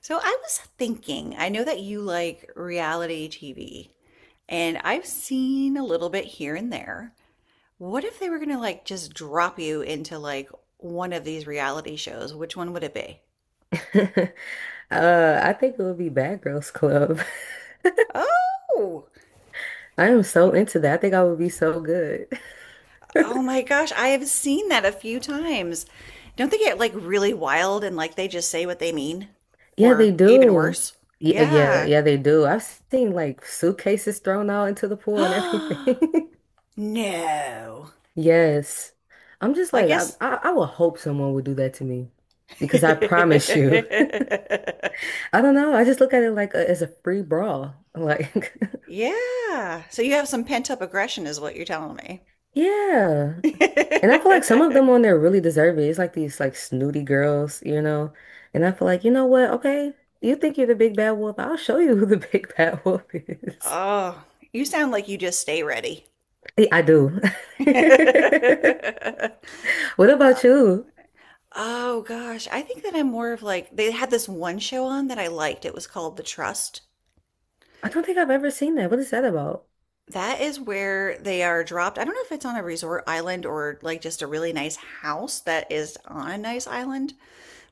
So I was thinking, I know that you like reality TV, and I've seen a little bit here and there. What if they were gonna like just drop you into like one of these reality shows? Which one would it be? I think it would be Bad Girls Club. Oh, I am so into that. I think I would be so good. oh my gosh, I have seen that a few times. Don't they get like really wild and like they just say what they mean? Yeah, Or they even do. worse? Yeah, yeah, Yeah. yeah, they do. I've seen like suitcases thrown out into the pool and everything. No. Yes. I'm just I like, I, guess. I, I would hope someone would do that to me because I promise you. I don't know. I just look at it like as a free brawl. Like, Yeah. So you have some pent up aggression, is what you're telling me. yeah. And I feel like some of them on there really deserve it. It's like these like snooty girls, you know. And I feel like, you know what? Okay, you think you're the big bad wolf. I'll show you who the big bad wolf is. Oh, you sound like you just stay ready. Yeah, I do. What about you? Oh gosh, I think that I'm more of like they had this one show on that I liked. It was called The Trust. I don't think I've ever seen that. What is that about? That is where they are dropped. I don't know if it's on a resort island or like just a really nice house that is on a nice island,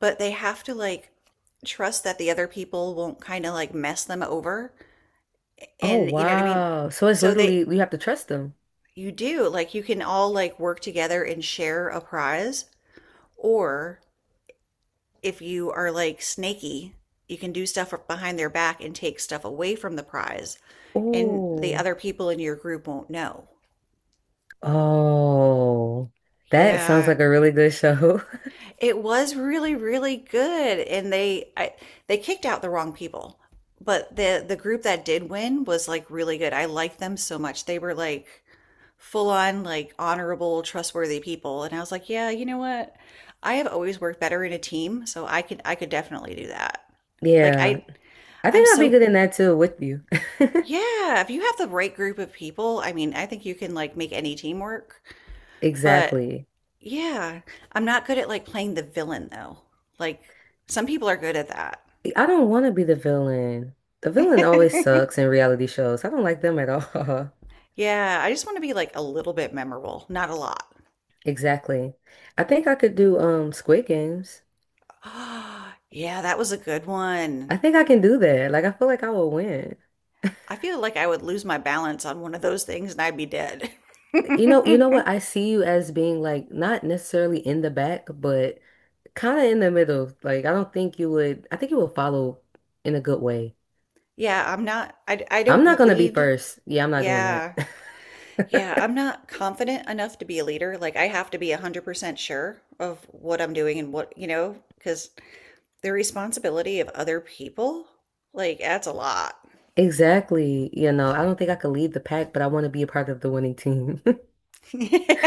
but they have to like trust that the other people won't kind of like mess them over. Oh, And you know what I mean? wow. So it's So literally they, you have to trust them. you do like you can all like work together and share a prize or if you are like snaky, you can do stuff behind their back and take stuff away from the prize and the Oh. other people in your group won't know. Oh. That sounds Yeah, like a really good show. it was really really good and they they kicked out the wrong people. But the group that did win was like really good. I liked them so much. They were like full on like honorable, trustworthy people. And I was like, yeah, you know what? I have always worked better in a team, so I could definitely do that. Like Yeah. I I I'm think I'll be so good in that too with you. yeah, if you have the right group of people, I mean, I think you can like make any team work. But Exactly. yeah, I'm not good at like playing the villain though. Like some people are good at that. I don't want to be the villain. The villain always sucks in reality shows. I don't like them at all. Yeah, I just want to be like a little bit memorable, not a lot. Exactly. I think I could do Squid Games. Yeah, that was a good I one. think I can do that. Like I feel like I will win. I feel like I would lose my balance on one of those things and I'd be dead. You know what? I see you as being like not necessarily in the back, but kind of in the middle. Like I don't think you would. I think you will follow in a good way. Yeah, I'm not, I I'm not don't gonna be lead. first. Yeah, I'm not doing Yeah. Yeah, that. I'm not confident enough to be a leader. Like, I have to be 100% sure of what I'm doing and what, you know, because the responsibility of other people, like, that's a lot. Exactly. You know, I don't think I could lead the pack, but I want to be a part of the winning team.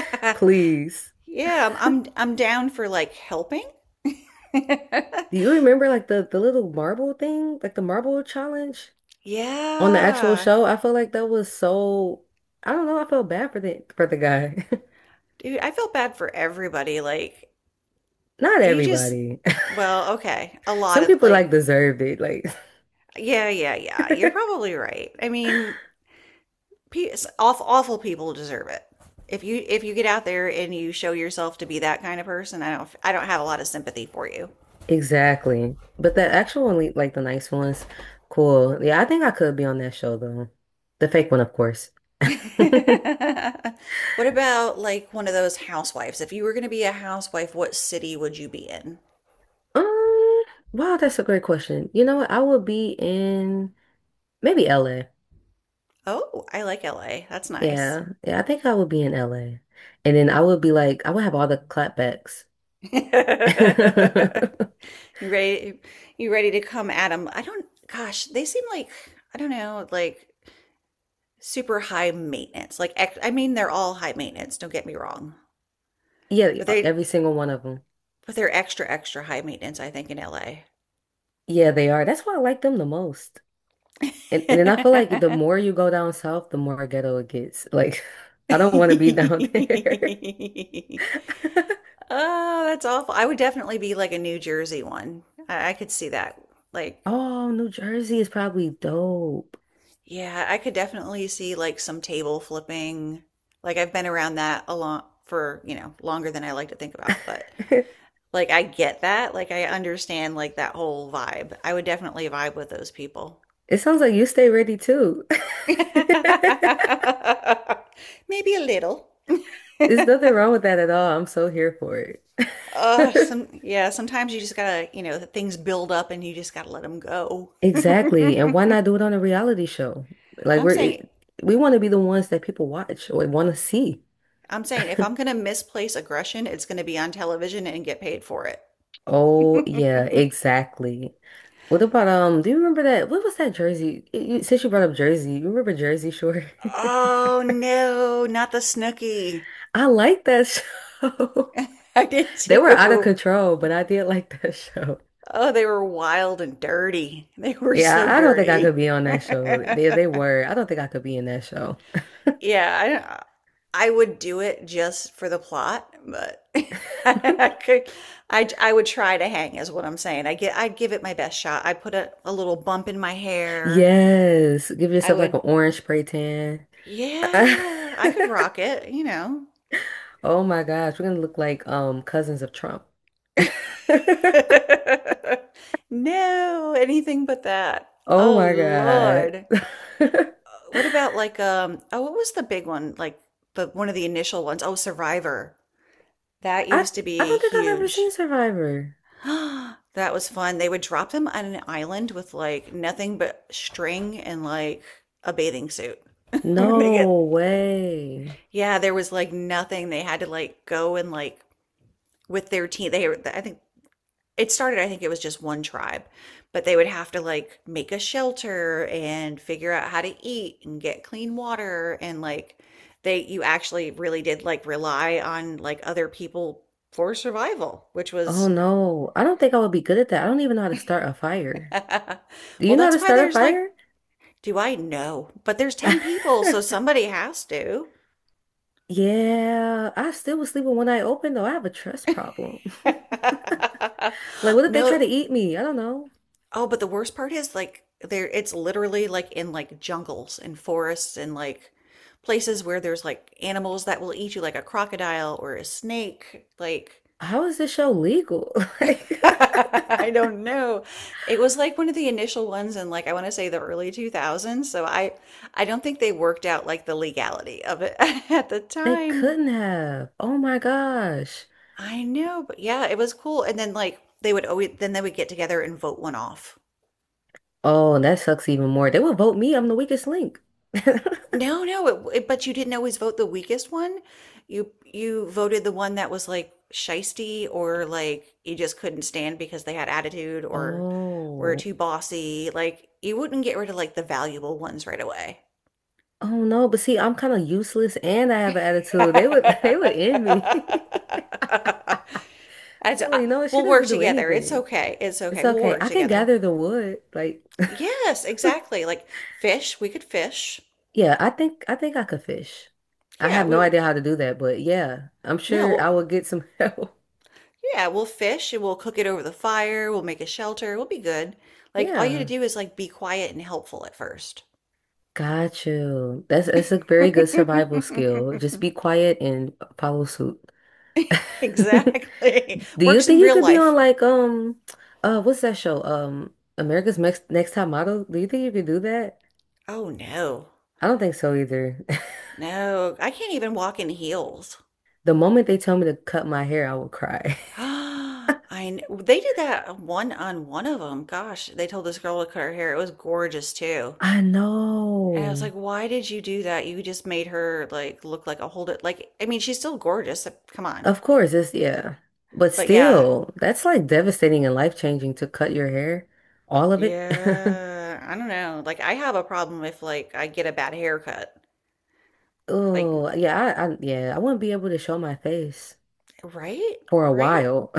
Please. Yeah, I'm down for like helping. Do you remember like the little marble thing, like the marble challenge on the actual Yeah. show? I feel like that was so I don't know, I felt bad for the guy. Dude, I felt bad for everybody like Not you just everybody. well okay a lot Some of people like like deserved it, like yeah yeah yeah you're probably right I mean awful, awful people deserve it if you get out there and you show yourself to be that kind of person I don't have a lot of sympathy for you. exactly. But the actual one, like the nice ones, cool. Yeah, I think I could be on that show though. The fake one, of course. What about like one of those housewives, if you were going to be a housewife what city would you be in? Um, wow, that's a great question. You know what? I would be in maybe LA. Oh I like LA, that's nice. Yeah, yeah, I think I would be in LA. And then I would be like, I would have all the clapbacks. You ready? You ready to come at them? I don't. Gosh, they seem like I don't know, like super high maintenance. Like I mean, they're all high maintenance. Don't get me wrong, Yeah, but every single one of them. They're extra extra high maintenance. I think in LA. Yeah, they are. That's why I like them the most. And then I feel like the more you go down south, the more ghetto it gets. Like, I don't want to be down there. Oh, that's awful. I would definitely be like a New Jersey one. I could see that. Like Oh, New Jersey is probably dope. yeah, I could definitely see like some table flipping. Like I've been around that a lot for, you know, longer than I like to think about, but like I get that. Like I understand like that whole vibe. I would definitely vibe with those people. It sounds like you stay ready too. Maybe There's a little. nothing wrong with that at all. I'm so here for it. Some Yeah, sometimes you just gotta, you know, things build up and you just gotta let them go. Exactly. And why not do it on a reality show? Like I'm we're saying, it, we want to be the ones that people watch or want to see. I'm saying if I'm gonna misplace aggression, it's gonna be on television and get paid for it. Oh yeah, exactly. What about um? Do you remember that? What was that Jersey? Since you brought up Jersey, you remember Jersey Shore? Oh no, not the Snooky. I like that show. I did They were out of too. control, but I did like that show. Oh, they were wild and dirty. They were Yeah, so I don't think I could dirty. be on that show. Yeah, They were. I don't think I could be in that show. I, I would do it just for the plot, but I could, I would try to hang is what I'm saying. I'd give it my best shot. I'd put a little bump in my hair. Yes, give I yourself like an would, orange spray tan. yeah, I could rock it, you know. Oh my gosh, we're gonna look like cousins of Trump. No, anything but that. Oh Oh my God. Lord. What about like oh what was the big one? Like the one of the initial ones. Oh, Survivor. That I used to be don't think I've ever huge. seen Survivor. That was fun. They would drop them on an island with like nothing but string and like a bathing suit. When they get No way. yeah, there was like nothing. They had to like go and like with their team. They I think it started, I think it was just one tribe but they would have to like make a shelter and figure out how to eat and get clean water and like they, you actually really did like rely on like other people for survival, which Oh was no. I don't think I would be good at that. I don't even know how to start a fire. Do well you know how that's to why start a there's like, fire? do I know, but there's 10 people so somebody has to. Yeah, I still was sleeping one eye open though. I have a trust problem. Like, what if they try No. to eat me? I don't know. Oh, but the worst part is like there it's literally like in like jungles and forests and like places where there's like animals that will eat you like a crocodile or a snake. Like How is this show legal? Like, I don't know. It was like one of the initial ones in like I want to say the early 2000s, so I don't think they worked out like the legality of it at the they time. couldn't have. Oh my gosh. I know, but yeah, it was cool. And then like they would always then they would get together and vote one off. Oh, and that sucks even more. They will vote me. I'm the weakest link. No, no, it, but you didn't always vote the weakest one. You voted the one that was like shisty or like you just couldn't stand because they had attitude or were Oh. too bossy. Like you wouldn't get rid of like the valuable ones right away. Oh no, but see, I'm kind of useless and I have an attitude. They would they would end me. And so, They're I- like, no, she we'll work doesn't do together. It's anything. okay. It's It's okay. We'll okay. work I can together. gather the wood. Like, Yes, exactly. Like fish, we could fish. yeah, I think I think I could fish. I Yeah, have no we idea how to do that, but yeah, I'm sure No. I will get some help. Yeah, we'll fish and we'll cook it over the fire. We'll make a shelter. We'll be good. Like all you have to Yeah. do is like be quiet and helpful at first. Got you. That's a very good survival skill. Just be quiet and follow suit. Exactly. Do you Works in think you real could be on life. like what's that show? America's Next Top Model? Do you think you could do that? Oh no. I don't think so either. No, I can't even walk in heels. The moment they tell me to cut my hair, I will cry. They did that one on one of them. Gosh, they told this girl to cut her hair. It was gorgeous too. I And I was like, know. why did you do that? You just made her like look like a hold it. Like, I mean, she's still gorgeous. Come on. Of course, it's yeah. But But yeah, still, that's like devastating and life-changing to cut your hair, all of it. yeah, I don't know. Like I have a problem if like I get a bad haircut. Like Oh, yeah, I yeah, I wouldn't be able to show my face right? for a Right? while,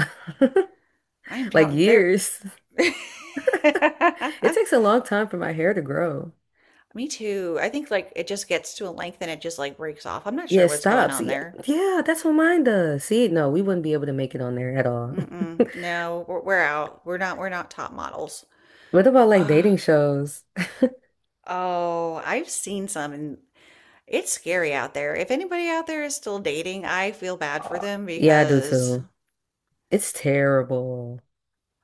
I am like telling there years. It takes a long time for my hair to grow. me too. I think like it just gets to a length and it just like breaks off. I'm not Yeah, sure it what's going stops. on Yeah, there. yeah, that's what mine does. See, no, we wouldn't be able to make it on there at all. Mm-mm. No, we're out. We're not top models. What about like Ugh. dating shows? Oh, I've seen some and it's scary out there. If anybody out there is still dating, I feel bad for Oh, them yeah, I do because too. It's terrible.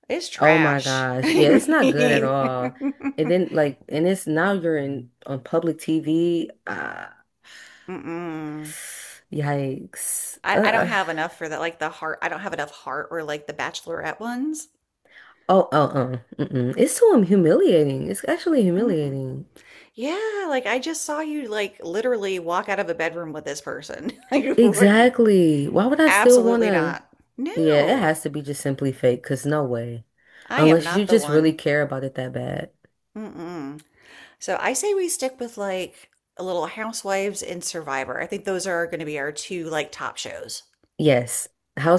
it's Oh my trash. gosh. I Yeah, it's not good at mean, all. And then like, and it's now you're in on public TV. Ah, mm-mm. yikes. I don't have enough for that. Like the heart, I don't have enough heart or like the bachelorette ones. Oh, oh, oh. Mm-mm. It's so humiliating. It's actually Mm-mm. humiliating. Yeah, like I just saw you like literally walk out of a bedroom with this person. You wouldn't. Exactly. Why would I still Absolutely wanna? not. Yeah, it No, has to be just simply fake, because no way. I am Unless you not the just really one. care about it that bad. Mm-mm. So I say we stick with like a little Housewives and Survivor. I think those are going to be our two like top shows. Yes,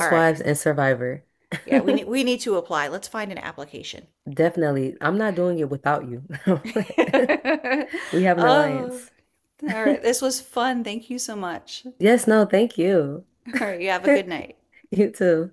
All right. and Survivor. Yeah, we need to apply. Let's find an application. Definitely. I'm not doing it without you. Like, we have an Oh, alliance. all right. This was fun. Thank you so much. Yes, no, thank you. All right. You have a good night. You too.